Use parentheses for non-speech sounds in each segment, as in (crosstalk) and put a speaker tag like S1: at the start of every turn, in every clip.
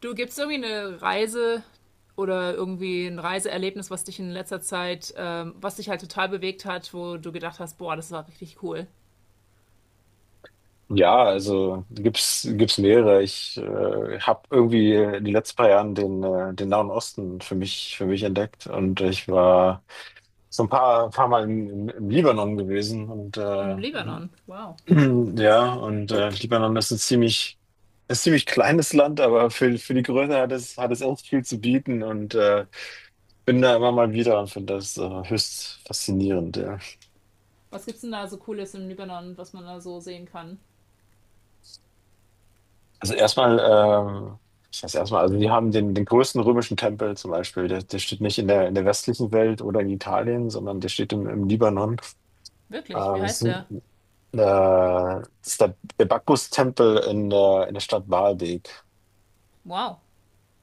S1: Du gibst irgendwie eine Reise oder irgendwie ein Reiseerlebnis, was dich in letzter Zeit, was dich halt total bewegt hat, wo du gedacht hast, boah, das war richtig cool.
S2: Ja, also gibt's mehrere. Ich habe irgendwie in den letzten paar Jahren den Nahen Osten für mich entdeckt und ich war so ein paar Mal im Libanon gewesen
S1: Im Libanon. Wow.
S2: (clears throat) Libanon ist ein ziemlich kleines Land, aber für die Größe hat es echt viel zu bieten bin da immer mal wieder und finde das höchst faszinierend. Ja.
S1: Was gibt's denn da so Cooles im Libanon, was man da so sehen kann?
S2: Also erstmal, ich weiß erstmal, also die haben den größten römischen Tempel zum Beispiel, der steht nicht in der westlichen Welt oder in Italien, sondern der steht im Libanon.
S1: Wirklich? Wie
S2: Ähm, es ist,
S1: heißt
S2: ein,
S1: der?
S2: Das ist der Bacchus-Tempel in der Stadt Baalbek.
S1: Wow.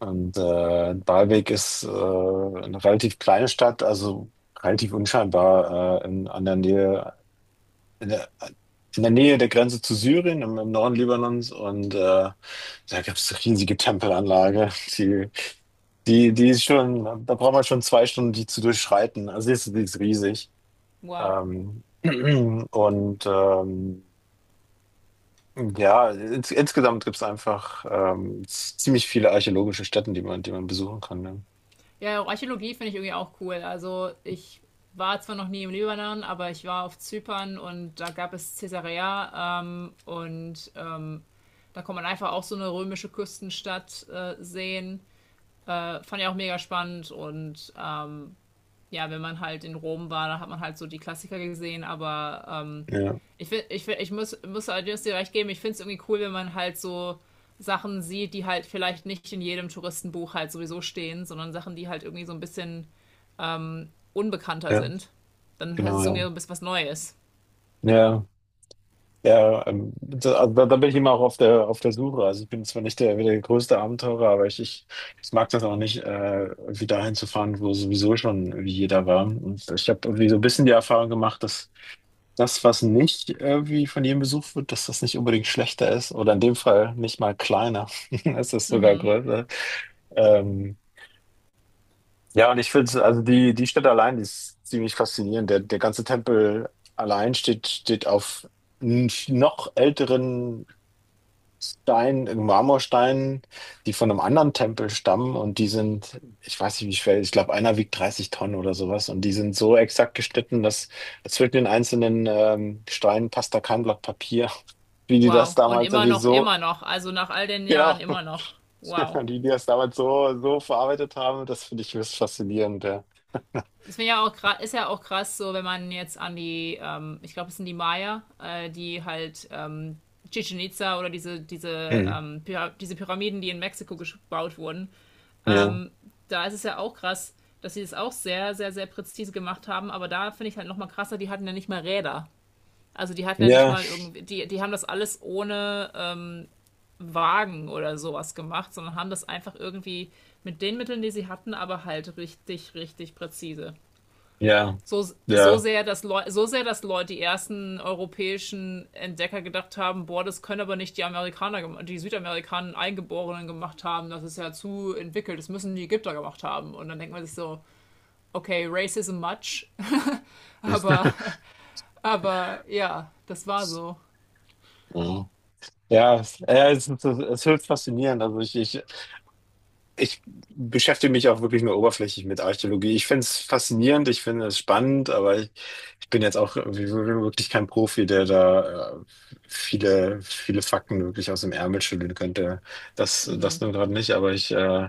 S2: Baalbek ist eine relativ kleine Stadt, also relativ unscheinbar, an der Nähe, in der, in der Nähe der Grenze zu Syrien, im Norden Libanons. Da gibt es riesige Tempelanlage. Die, Die ist schon, da braucht man schon 2 Stunden, die zu durchschreiten. Also die ist riesig.
S1: Wow.
S2: Ähm, (clears throat) und ähm, ja, insgesamt gibt es einfach ziemlich viele archäologische Stätten, die man besuchen kann. Ne?
S1: Ja, auch Archäologie finde ich irgendwie auch cool. Also ich war zwar noch nie im Libanon, aber ich war auf Zypern und da gab es Caesarea, da kann man einfach auch so eine römische Küstenstadt sehen. Fand ich auch mega spannend, und ja, wenn man halt in Rom war, da hat man halt so die Klassiker gesehen, aber ähm,
S2: Ja,
S1: ich, find, ich, find, ich muss, muss allerdings dir recht geben, ich finde es irgendwie cool, wenn man halt so Sachen sieht, die halt vielleicht nicht in jedem Touristenbuch halt sowieso stehen, sondern Sachen, die halt irgendwie so ein bisschen unbekannter
S2: ja,
S1: sind. Dann heißt
S2: genau,
S1: es irgendwie
S2: ja.
S1: so ein bisschen was Neues.
S2: Ja. Da bin ich immer auch auf der Suche. Also ich bin zwar nicht der größte Abenteurer, aber ich mag das auch nicht, irgendwie dahin zu fahren, wo sowieso schon wie jeder war. Und ich habe irgendwie so ein bisschen die Erfahrung gemacht, dass das, was nicht irgendwie von jedem besucht wird, dass das nicht unbedingt schlechter ist oder in dem Fall nicht mal kleiner. (laughs) Es ist sogar größer. Ähm, ja, und ich finde, also die Stadt allein die ist ziemlich faszinierend. Der ganze Tempel allein steht auf noch älteren Stein, Marmorsteinen, die von einem anderen Tempel stammen und die sind, ich weiß nicht wie schwer, ich glaube einer wiegt 30 Tonnen oder sowas und die sind so exakt geschnitten, dass zwischen den einzelnen Steinen passt da kein Blatt Papier. (laughs) wie die das
S1: Wow. Und
S2: damals
S1: immer
S2: irgendwie
S1: noch,
S2: so,
S1: immer noch. Also nach all den
S2: Genau.
S1: Jahren immer noch.
S2: (laughs)
S1: Wow.
S2: Wie die das damals so, so verarbeitet haben, das finde ich höchst faszinierend, ja.
S1: Das finde ich ja auch, ist ja auch krass, so wenn man jetzt an die, ich glaube, es sind die Maya, die halt Chichen Itza oder
S2: Mhm.
S1: diese Pyramiden, die in Mexiko gebaut wurden,
S2: Ja,
S1: da ist es ja auch krass, dass sie das auch sehr, sehr, sehr präzise gemacht haben. Aber da finde ich halt nochmal krasser, die hatten ja nicht mal Räder. Also die hatten ja nicht
S2: ja,
S1: mal irgendwie, die haben das alles ohne Wagen oder sowas gemacht, sondern haben das einfach irgendwie mit den Mitteln, die sie hatten, aber halt richtig, richtig präzise.
S2: ja,
S1: So,
S2: ja.
S1: so sehr, dass Leute, die ersten europäischen Entdecker gedacht haben, boah, das können aber nicht die Amerikaner, die Südamerikaner Eingeborenen gemacht haben, das ist ja zu entwickelt, das müssen die Ägypter gemacht haben. Und dann denkt man sich so, okay, Racism much, (laughs) aber,
S2: (laughs)
S1: aber ja, das war so.
S2: Ja, ja, es ist höchst faszinierend. Also ich beschäftige mich auch wirklich nur oberflächlich mit Archäologie. Ich finde es faszinierend, ich finde es spannend, aber ich bin jetzt auch irgendwie wirklich kein Profi, der da viele, viele Fakten wirklich aus dem Ärmel schütteln könnte. Das nun gerade nicht, aber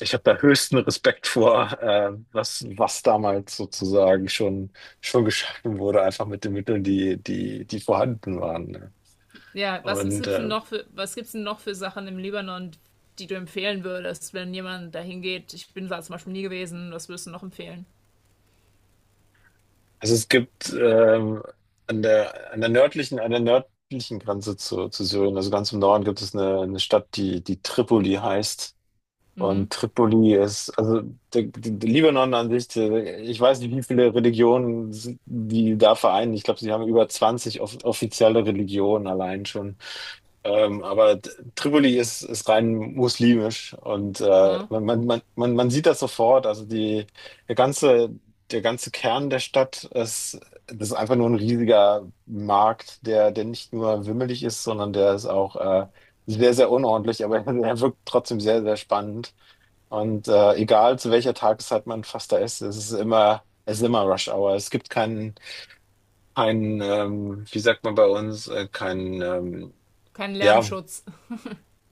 S2: ich habe da höchsten Respekt vor, was, was damals sozusagen schon geschaffen wurde, einfach mit den Mitteln, die vorhanden waren. Ne?
S1: Ja, was
S2: Und
S1: gibt's denn
S2: äh,
S1: noch für, was gibt's denn noch für Sachen im Libanon, die du empfehlen würdest, wenn jemand dahin geht? Ich bin da zum Beispiel nie gewesen, was würdest du noch empfehlen?
S2: Also es gibt an der nördlichen Grenze zu Syrien, also ganz im Norden, gibt es eine Stadt, die Tripoli heißt. Und Tripoli ist, also der Libanon an sich, der, ich weiß nicht, wie viele Religionen sind- die da vereinen. Ich glaube, sie haben über 20 offizielle Religionen allein schon. Ähm, aber D- Tripoli ist, ist rein muslimisch und man sieht das sofort. Also der ganze, der ganze Kern der Stadt ist, das ist einfach nur ein riesiger Markt, der nicht nur wimmelig ist, sondern der ist auch sehr, sehr unordentlich, aber (laughs) er wirkt trotzdem sehr, sehr spannend. Egal zu welcher Tageszeit man fast da ist, es ist es ist immer Rush Hour. Es gibt keinen, keinen, wie sagt man bei uns, keinen,
S1: Keinen
S2: Ja,
S1: Lärmschutz,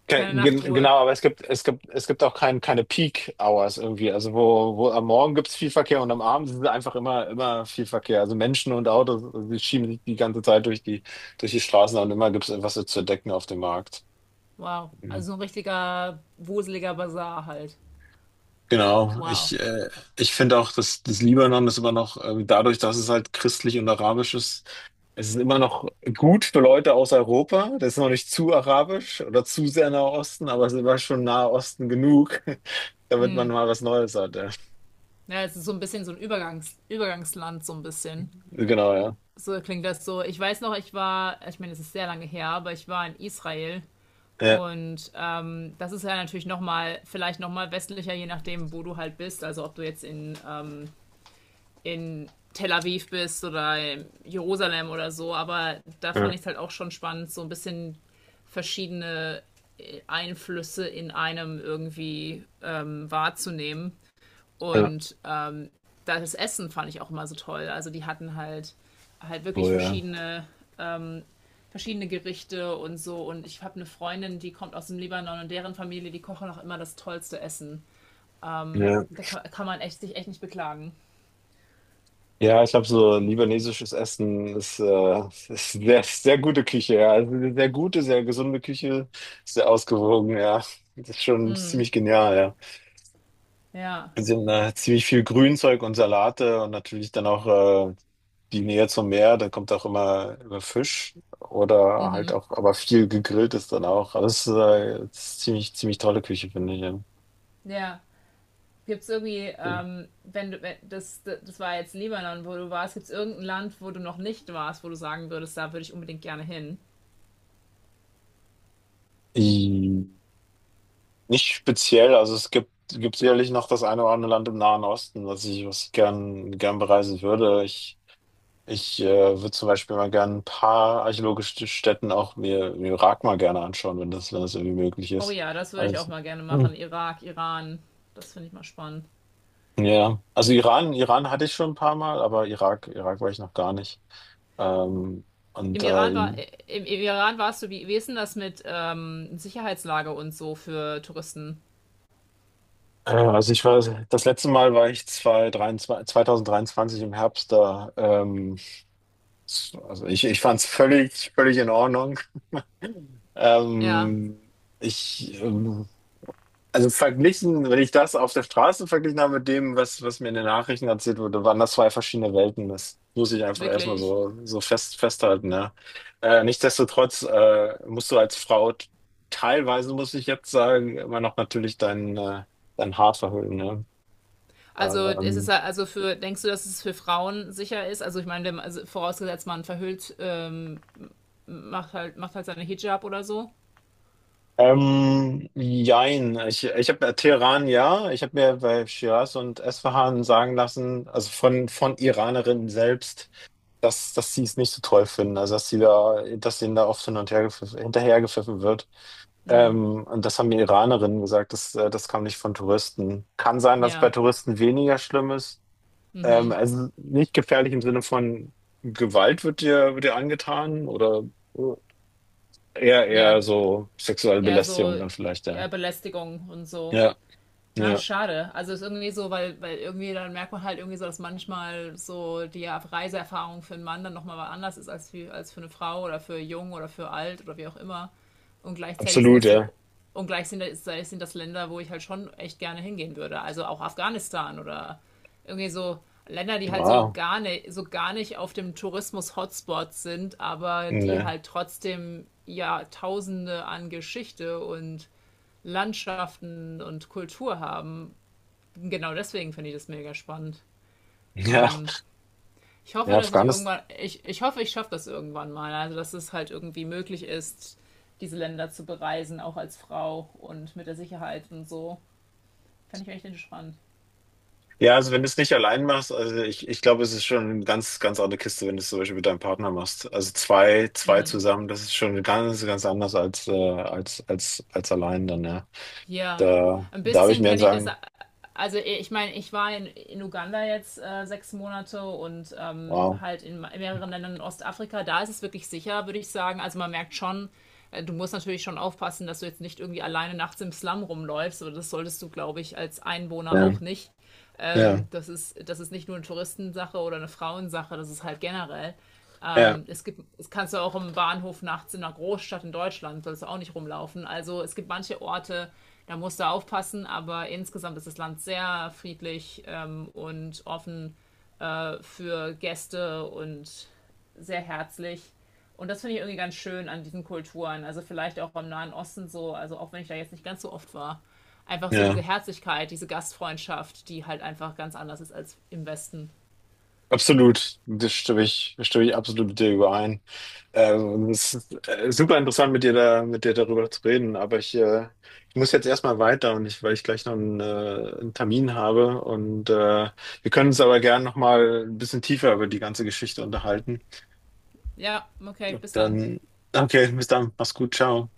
S2: ke
S1: keine
S2: gen
S1: Nachtruhe.
S2: genau, aber es gibt auch keine Peak Hours irgendwie. Also wo am Morgen gibt es viel Verkehr und am Abend ist es einfach immer viel Verkehr. Also Menschen und Autos, die schieben sich die ganze Zeit durch die Straßen und immer gibt es etwas zu entdecken auf dem Markt.
S1: Wow. Also
S2: Mhm.
S1: so ein richtiger wuseliger Basar halt.
S2: Genau,
S1: Wow.
S2: ich, äh, ich finde auch, dass das Libanon ist immer noch, dadurch, dass es halt christlich und arabisch ist, es ist immer noch gut für Leute aus Europa. Das ist noch nicht zu arabisch oder zu sehr Nahe Osten, aber es ist immer schon Nahe Osten genug, (laughs) damit man mal was Neues hat. Ja.
S1: Ja, es ist so ein bisschen so ein Übergangsland, so ein bisschen.
S2: Genau, ja.
S1: So klingt das so. Ich weiß noch, ich war, ich meine, es ist sehr lange her, aber ich war in Israel.
S2: Ja,
S1: Und das ist ja natürlich nochmal, vielleicht nochmal westlicher, je nachdem, wo du halt bist. Also ob du jetzt in Tel Aviv bist oder in Jerusalem oder so. Aber da fand
S2: ja,
S1: ich es halt auch schon spannend, so ein bisschen verschiedene Einflüsse in einem irgendwie wahrzunehmen.
S2: ja.
S1: Und das Essen fand ich auch immer so toll. Also die hatten halt
S2: Oh
S1: wirklich
S2: ja.
S1: verschiedene Gerichte und so. Und ich habe eine Freundin, die kommt aus dem Libanon und deren Familie, die kochen auch immer das tollste Essen.
S2: Ja,
S1: Da kann man echt, sich echt nicht beklagen.
S2: ja, ich habe so libanesisches Essen, ist ist sehr, sehr gute Küche, ja. Also eine sehr gute, sehr gesunde Küche, sehr ausgewogen, ja. Das ist schon ziemlich genial, ja.
S1: Ja,
S2: Sind ziemlich viel Grünzeug und Salate und natürlich dann auch die Nähe zum Meer, dann kommt auch immer Fisch oder halt auch, aber viel gegrillt ist dann auch. Also es ist ziemlich, ziemlich tolle Küche, finde ich. Ja.
S1: ja. Gibt es irgendwie,
S2: Ja.
S1: wenn du, wenn, das war jetzt Libanon, wo du warst, gibt es irgendein Land, wo du noch nicht warst, wo du sagen würdest, da würde ich unbedingt gerne hin?
S2: I- Nicht speziell, also gibt sicherlich noch das eine oder andere Land im Nahen Osten, was ich gern, gern bereisen würde. Ich würde zum Beispiel mal gern ein paar archäologische Stätten auch mir im Irak mal gerne anschauen, wenn das irgendwie möglich
S1: Oh
S2: ist.
S1: ja, das würde ich auch
S2: Also,
S1: mal gerne machen. Irak, Iran, das finde ich mal spannend.
S2: ja, ja. Also Iran, Iran hatte ich schon ein paar Mal, aber Irak, Irak war ich noch gar nicht. Ähm, und
S1: Im
S2: äh,
S1: Iran war,
S2: in-
S1: im Iran warst du, wie, wie ist denn das mit Sicherheitslage und so für Touristen?
S2: äh, also ich war, Das letzte Mal war ich 2023, 2023 im Herbst da. Also ich fand es völlig, völlig in Ordnung.
S1: Ja,
S2: Ähm, ich, ähm, Also verglichen, wenn ich das auf der Straße verglichen habe mit dem, was, was mir in den Nachrichten erzählt wurde, waren das zwei verschiedene Welten. Das muss ich einfach erstmal
S1: wirklich.
S2: so, so fest, festhalten, ja. Nichtsdestotrotz, musst du als Frau teilweise, muss ich jetzt sagen, immer noch natürlich dein dein Haar verhüllen, ne?
S1: Also ist es
S2: Ähm,
S1: ja- also für, denkst du, dass es für Frauen sicher ist? Also ich meine, wenn man, also vorausgesetzt man verhüllt, macht halt seine Hijab oder so.
S2: Jein. Ich habe Teheran, ja. Ich habe mir bei Shiraz und Esfahan sagen lassen, also von Iranerinnen selbst, dass sie es nicht so toll finden, also dass sie dass ihnen da oft hin und her gepfiffen, hinterhergepfiffen wird. Und das haben die Iranerinnen gesagt, das kam nicht von Touristen. Kann sein, dass es bei
S1: Ja.
S2: Touristen weniger schlimm ist. Also nicht gefährlich im Sinne von Gewalt wird wird dir angetan oder äh, eher,
S1: Ja,
S2: eher so sexuelle
S1: eher so,
S2: Belästigung dann vielleicht, ja.
S1: eher Belästigung und so.
S2: Ja,
S1: Ah,
S2: ja,
S1: schade. Also ist irgendwie so, weil, weil irgendwie dann merkt man halt irgendwie so, dass manchmal so die Reiseerfahrung für einen Mann dann nochmal was anders ist als für eine Frau oder für jung oder für alt oder wie auch immer. Und gleichzeitig sind
S2: absolut,
S1: das
S2: ja.
S1: so, und gleichzeitig sind das Länder, wo ich halt schon echt gerne hingehen würde. Also auch Afghanistan oder irgendwie so Länder, die halt
S2: Ja,
S1: so gar nicht auf dem Tourismus-Hotspot sind, aber die
S2: ne.
S1: halt trotzdem Jahrtausende an Geschichte und Landschaften und Kultur haben. Genau deswegen finde ich das mega spannend.
S2: Ja,
S1: Ich
S2: ja,
S1: hoffe, dass ich
S2: Afghanistan.
S1: irgendwann, ich hoffe, ich schaffe das irgendwann mal. Also, dass es halt irgendwie möglich ist, diese Länder zu bereisen, auch als Frau und mit der Sicherheit und so. Fände ich echt spannend.
S2: Ja, also wenn du es nicht allein machst, ich glaube, es ist schon eine ganz, ganz andere Kiste, wenn du es zum Beispiel mit deinem Partner machst. Also zwei, zwei zusammen, das ist schon ganz, ganz anders als als allein dann, ja.
S1: Ja,
S2: Da,
S1: ein
S2: da habe ich
S1: bisschen
S2: mir
S1: kenne ich das.
S2: sagen,
S1: Also e, ich meine, ich war in Uganda jetzt 6 Monate und
S2: wow.
S1: halt in mehreren Ländern in Ostafrika. Da ist es wirklich sicher, würde ich sagen. Also man merkt schon, du musst natürlich schon aufpassen, dass du jetzt nicht irgendwie alleine nachts im Slum rumläufst. Oder das solltest du, glaube ich, als Einwohner
S2: Ja,
S1: auch nicht.
S2: ja,
S1: Das ist nicht nur eine Touristensache oder eine Frauensache, das ist halt generell.
S2: ja,
S1: Es gibt, es kannst du auch im Bahnhof nachts in einer Großstadt in Deutschland, sollst du auch nicht rumlaufen. Also es gibt manche Orte, da musst du aufpassen, aber insgesamt ist das Land sehr friedlich, und offen für Gäste und sehr herzlich. Und das finde ich irgendwie ganz schön an diesen Kulturen. Also vielleicht auch am Nahen Osten so, also auch wenn ich da jetzt nicht ganz so oft war. Einfach so diese
S2: ja.
S1: Herzlichkeit, diese Gastfreundschaft, die halt einfach ganz anders ist als im Westen.
S2: Absolut. Das stimme ich absolut mit dir überein. Es ist Super interessant, mit dir darüber zu reden, aber ich muss jetzt erstmal weiter weil ich gleich noch einen Termin habe und wir können uns aber gern nochmal ein bisschen tiefer über die ganze Geschichte unterhalten.
S1: Ja, okay, bis dann.
S2: Dann, okay, bis dann, mach's gut, ciao.